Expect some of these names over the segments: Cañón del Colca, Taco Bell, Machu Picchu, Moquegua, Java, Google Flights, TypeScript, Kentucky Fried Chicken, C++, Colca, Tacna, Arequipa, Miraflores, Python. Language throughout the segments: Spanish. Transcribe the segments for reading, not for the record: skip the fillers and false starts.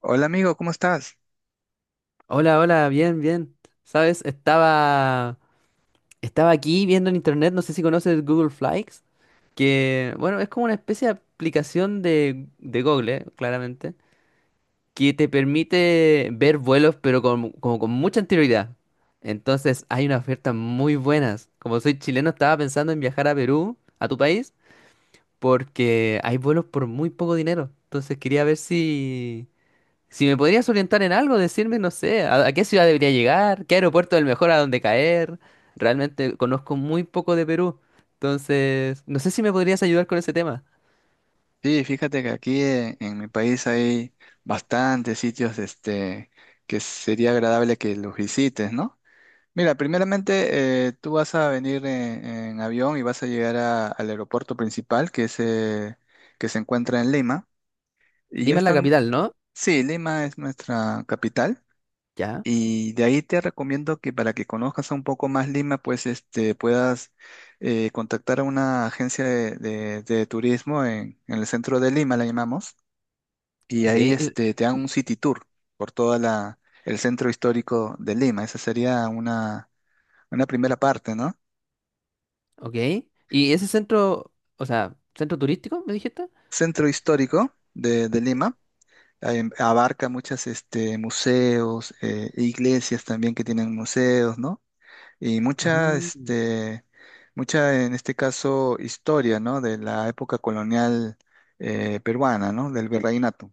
Hola amigo, ¿cómo estás? Hola, hola, bien, bien. ¿Sabes? Estaba aquí viendo en internet, no sé si conoces Google Flights, que, bueno, es como una especie de aplicación de Google, claramente, que te permite ver vuelos, pero con, como con mucha anterioridad. Entonces, hay unas ofertas muy buenas. Como soy chileno, estaba pensando en viajar a Perú, a tu país, porque hay vuelos por muy poco dinero. Entonces, quería ver si me podrías orientar en algo, decirme, no sé, a qué ciudad debería llegar, qué aeropuerto es el mejor a dónde caer. Realmente conozco muy poco de Perú. Entonces, no sé si me podrías ayudar con ese tema. Sí, fíjate que aquí mi país hay bastantes sitios que sería agradable que los visites, ¿no? Mira, primeramente tú vas a venir en avión y vas a llegar al aeropuerto principal que se encuentra en Lima. Y ya Lima es la están, capital, ¿no? sí, Lima es nuestra capital. Ya, Y de ahí te recomiendo que para que conozcas un poco más Lima, pues puedas contactar a una agencia de turismo en el centro de Lima, la llamamos, y ok, ahí te dan un city tour por el centro histórico de Lima. Esa sería una primera parte, ¿no? ok. ¿Y ese centro, o sea, centro turístico, me dijiste? Centro histórico de Lima abarca museos, iglesias también que tienen museos, ¿no? Y Ah. En este caso, historia, ¿no? De la época colonial peruana, ¿no? Del virreinato.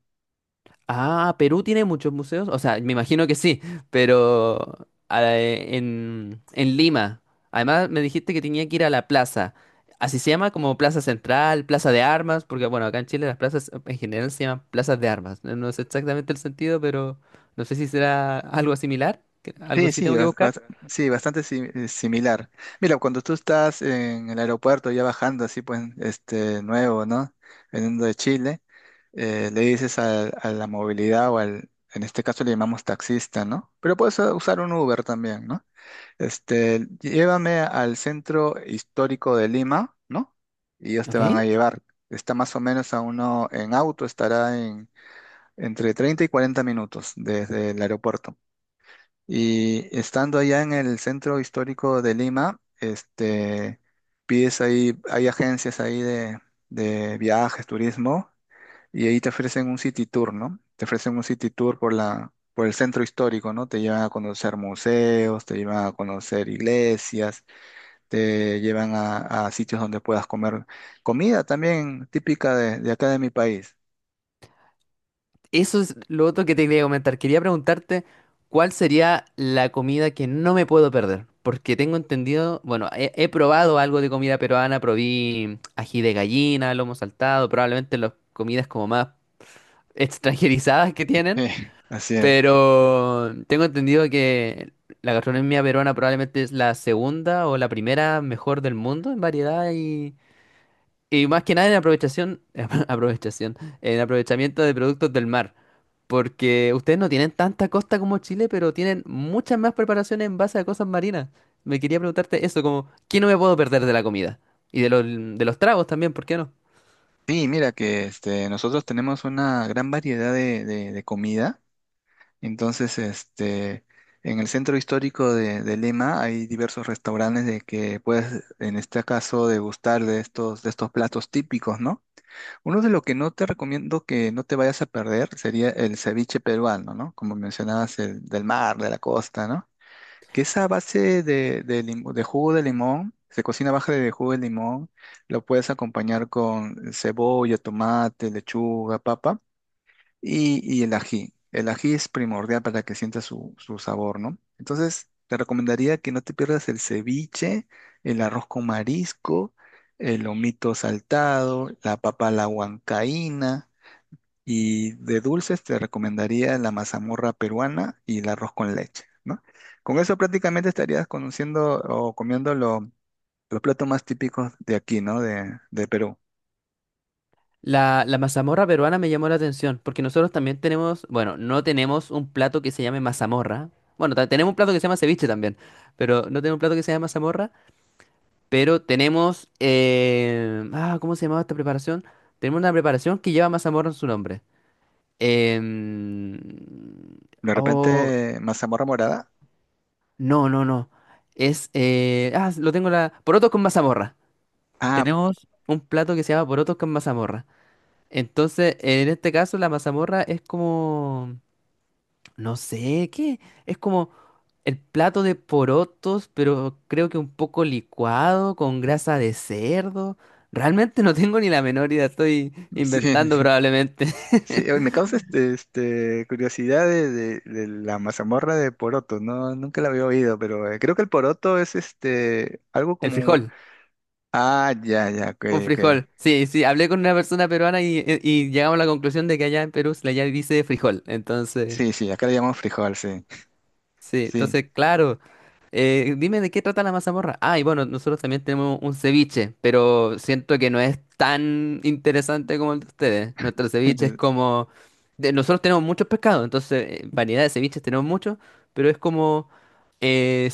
Ah, Perú tiene muchos museos. O sea, me imagino que sí, pero ah, en Lima. Además, me dijiste que tenía que ir a la plaza. Así se llama como Plaza Central, Plaza de Armas, porque bueno, acá en Chile las plazas en general se llaman plazas de armas. No sé exactamente el sentido, pero no sé si será algo similar. Algo Sí, así sí, tengo que bas- buscar. bas- sí, bastante similar. Mira, cuando tú estás en el aeropuerto ya bajando así, pues, nuevo, ¿no? Veniendo de Chile, le dices a la movilidad o al, en este caso le llamamos taxista, ¿no? Pero puedes usar un Uber también, ¿no? Llévame al centro histórico de Lima, ¿no? Y ellos te ¿Ok? van a llevar. Está más o menos a uno, en auto estará en entre 30 y 40 minutos desde el aeropuerto. Y estando allá en el centro histórico de Lima, pides ahí, hay agencias ahí de viajes, turismo, y ahí te ofrecen un city tour, ¿no? Te ofrecen un city tour por el centro histórico, ¿no? Te llevan a conocer museos, te llevan a conocer iglesias, te llevan a sitios donde puedas comer comida también típica de acá de mi país. Eso es lo otro que te quería comentar. Quería preguntarte cuál sería la comida que no me puedo perder. Porque tengo entendido, bueno, he probado algo de comida peruana, probé ají de gallina, lomo saltado, probablemente las comidas como más extranjerizadas que tienen. Sí, así es. Pero tengo entendido que la gastronomía peruana probablemente es la segunda o la primera mejor del mundo en variedad y más que nada en en aprovechamiento de productos del mar. Porque ustedes no tienen tanta costa como Chile, pero tienen muchas más preparaciones en base a cosas marinas. Me quería preguntarte eso, como, ¿qué no me puedo perder de la comida? Y de los tragos también, ¿por qué no? Sí, mira que nosotros tenemos una gran variedad de comida. Entonces, en el centro histórico de Lima hay diversos restaurantes de que puedes, en este caso, degustar de de estos platos típicos, ¿no? Uno de lo que no te recomiendo que no te vayas a perder sería el ceviche peruano, ¿no? Como mencionabas, el del mar, de la costa, ¿no? Que esa base de, de jugo de limón, se cocina baja de jugo de limón, lo puedes acompañar con cebolla, tomate, lechuga, papa y el ají. El ají es primordial para que sienta su sabor, ¿no? Entonces, te recomendaría que no te pierdas el ceviche, el arroz con marisco, el lomito saltado, la papa a la huancaína y de dulces te recomendaría la mazamorra peruana y el arroz con leche, ¿no? Con eso prácticamente estarías conociendo o los platos más típicos de aquí, ¿no? De Perú. La mazamorra peruana me llamó la atención, porque nosotros también tenemos, bueno, no tenemos un plato que se llame mazamorra. Bueno, tenemos un plato que se llama ceviche también, pero no tenemos un plato que se llame mazamorra, pero tenemos, ¿cómo se llamaba esta preparación? Tenemos una preparación que lleva mazamorra en su nombre. Em, De oh, repente, mazamorra morada. no, no, no. Es, lo tengo la... Porotos con mazamorra. Ah, Tenemos un plato que se llama porotos con mazamorra. Entonces, en este caso, la mazamorra es como... No sé, ¿qué? Es como el plato de porotos, pero creo que un poco licuado, con grasa de cerdo. Realmente no tengo ni la menor idea, estoy inventando sí, probablemente. sí, oye, me causa curiosidad de la mazamorra de poroto, ¿no? Nunca la había oído, pero creo que el poroto es algo El como... un- frijol. Ah, ya, ya, ok, Un ok. frijol. Sí, sí, hablé con una persona peruana y llegamos a la conclusión de que allá en Perú se le ya dice frijol. Entonces, Sí, sí, acá le llamamos frijol, sí, sí, sí. entonces, claro. Dime de qué trata la mazamorra. Ah, y bueno, nosotros también tenemos un ceviche, pero siento que no es tan interesante como el de ustedes. Nuestro ceviche es como... nosotros tenemos muchos pescados, entonces variedad de ceviches tenemos muchos, pero es como... eh,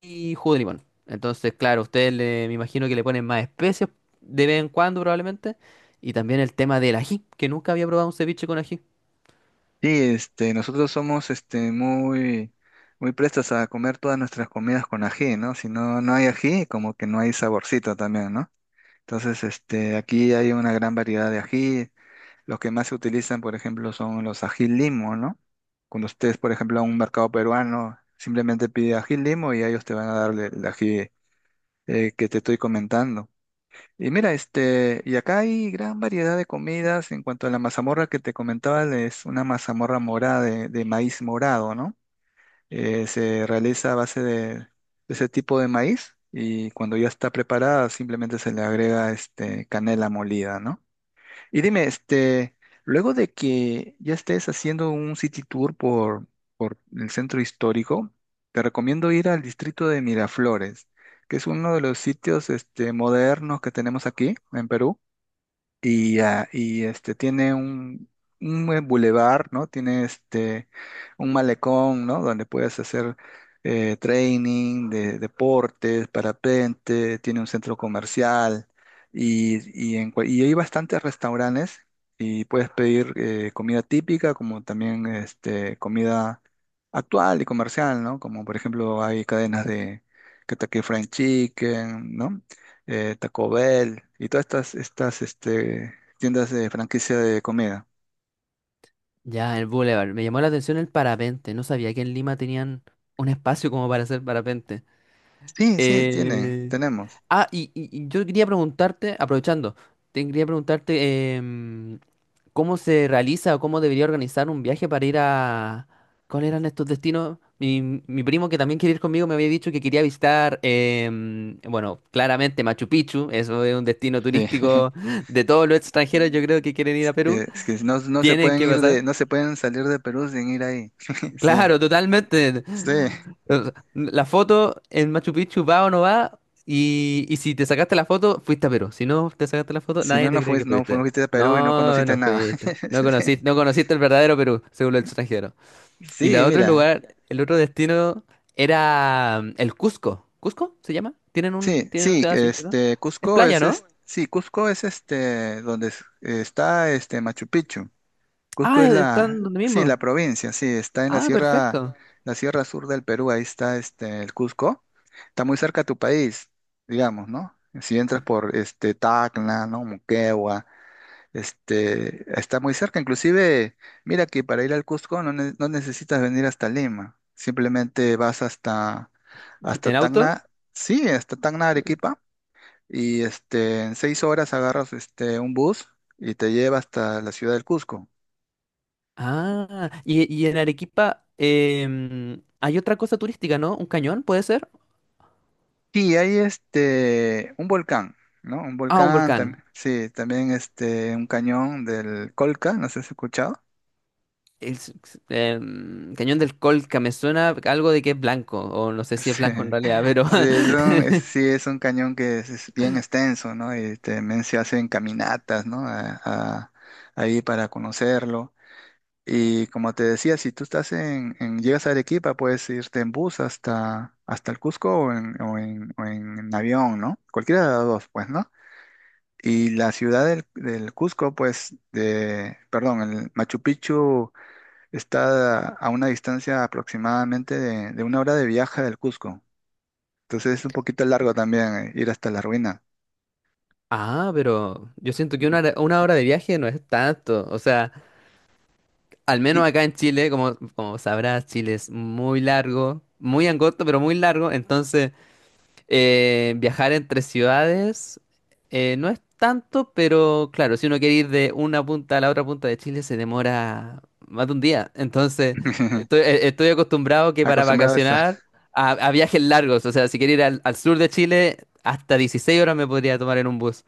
y jugo de limón. Entonces, claro, me imagino que le ponen más especies de vez en cuando probablemente. Y también el tema del ají, que nunca había probado un ceviche con ají. Sí, nosotros somos muy prestos a comer todas nuestras comidas con ají, ¿no? Si no, no hay ají, como que no hay saborcito también, ¿no? Entonces, aquí hay una gran variedad de ají. Los que más se utilizan, por ejemplo, son los ají limo, ¿no? Cuando ustedes, por ejemplo, a un mercado peruano, simplemente pide ají limo y ellos te van a dar el ají que te estoy comentando. Y mira, y acá hay gran variedad de comidas. En cuanto a la mazamorra que te comentaba, es una mazamorra morada de maíz morado, ¿no? Se realiza a base de ese tipo de maíz y cuando ya está preparada simplemente se le agrega canela molida, ¿no? Y dime, luego de que ya estés haciendo un city tour por el centro histórico, te recomiendo ir al distrito de Miraflores, que es uno de los sitios, modernos que tenemos aquí en Perú y, ah, y este tiene un buen bulevar, ¿no? Tiene este un malecón, ¿no? Donde puedes hacer training de deportes, parapente, tiene un centro comercial y hay bastantes restaurantes y puedes pedir comida típica como también comida actual y comercial, ¿no? Como por ejemplo hay cadenas de Kentucky Fried Chicken, ¿no? Taco Bell y todas estas tiendas de franquicia de comida. Ya, el boulevard. Me llamó la atención el parapente. No sabía que en Lima tenían un espacio como para hacer parapente. Sí, sí, tienen, Eh, tenemos. ah, y yo quería preguntarte, aprovechando, te quería preguntarte cómo se realiza o cómo debería organizar un viaje para ir a... ¿Cuáles eran estos destinos? Mi primo que también quiere ir conmigo me había dicho que quería visitar, bueno, claramente Machu Picchu, eso es un destino Sí. turístico de todos los extranjeros, yo creo que quieren ir a Que, Perú. es que no, no se Tienen pueden que ir pasar. de, no se pueden salir de Perú sin ir ahí. Sí, Claro, totalmente. sí. O sea, la foto en Machu Picchu va o no va, y si te sacaste la foto, fuiste a Perú. Si no te sacaste la foto, Si no, nadie te no cree que fuiste, no fuiste. fuiste a Perú y no No, conociste no nada. fuiste. No conociste, no conociste el verdadero Perú, según el extranjero. Y el Sí, otro mira. lugar, el otro destino era el Cusco. ¿Cusco se llama? ¿Tienen Sí, tienen una sí, ciudad así, ¿no? Es Cusco playa, ¿no? Sí, Cusco es donde está este Machu Picchu. Cusco Ah, es la, están donde sí, la mismo. provincia, sí, está en Ah, perfecto. la sierra sur del Perú, ahí está el Cusco. Está muy cerca a tu país, digamos, ¿no? Si entras por Tacna, ¿no? Moquegua, está muy cerca. Inclusive, mira que para ir al Cusco no necesitas venir hasta Lima, simplemente hasta ¿En auto? Tacna, Arequipa, y en 6 horas agarras un bus y te lleva hasta la ciudad del Cusco. Ah, y en Arequipa hay otra cosa turística, ¿no? ¿Un cañón puede ser? Sí, hay un volcán, ¿no? Un Ah, un volcán, volcán. también, sí, también un cañón del Colca, no sé si has escuchado. El, Cañón del Colca, me suena algo de que es blanco, o no sé si es Sí, blanco en realidad, pero... sí, es sí, es un cañón que es bien extenso, ¿no? Y también se hacen caminatas, ¿no? Ahí para conocerlo. Y como te decía, si tú estás llegas a Arequipa, puedes irte en bus hasta el Cusco o en avión, ¿no? Cualquiera de las dos, pues, ¿no? Y la ciudad del Cusco, pues, de, perdón, el Machu Picchu está a una distancia aproximadamente de 1 hora de viaje del Cusco. Entonces es un poquito largo también ir hasta la ruina. Ah, pero yo siento que una hora de viaje no es tanto. O sea, al Y menos acá en Chile, como, como sabrás, Chile es muy largo, muy angosto, pero muy largo. Entonces... viajar entre ciudades no es tanto, pero claro, si uno quiere ir de una punta a la otra punta de Chile se demora más de un día. Entonces, estoy acostumbrado que para acostumbrado a, vacacionar a viajes largos, o sea, si quiero ir al sur de Chile, hasta 16 horas me podría tomar en un bus.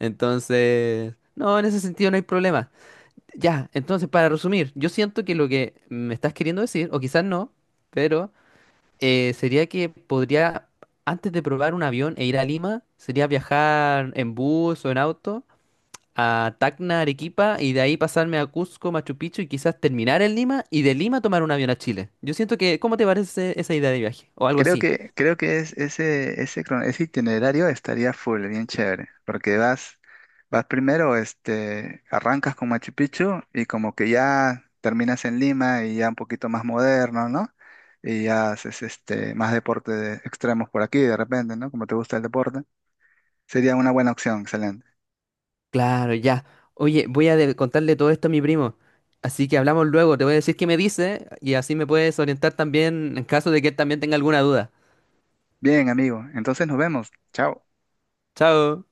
Entonces, no, en ese sentido no hay problema. Ya, entonces, para resumir, yo siento que lo que me estás queriendo decir, o quizás no, pero sería que podría, antes de probar un avión e ir a Lima, sería viajar en bus o en auto a Tacna, Arequipa, y de ahí pasarme a Cusco, Machu Picchu, y quizás terminar en Lima, y de Lima tomar un avión a Chile. Yo siento que, ¿cómo te parece esa idea de viaje? O algo así. Creo que es ese ese itinerario estaría full, bien chévere, porque vas primero, arrancas con Machu Picchu y como que ya terminas en Lima y ya un poquito más moderno, ¿no? Y ya haces más deporte de extremos por aquí de repente, ¿no? Como te gusta el deporte. Sería una buena opción, excelente. Claro, ya. Oye, voy a contarle todo esto a mi primo. Así que hablamos luego, te voy a decir qué me dice, y así me puedes orientar también en caso de que él también tenga alguna duda. Bien, amigo, entonces nos vemos. Chao. Chao.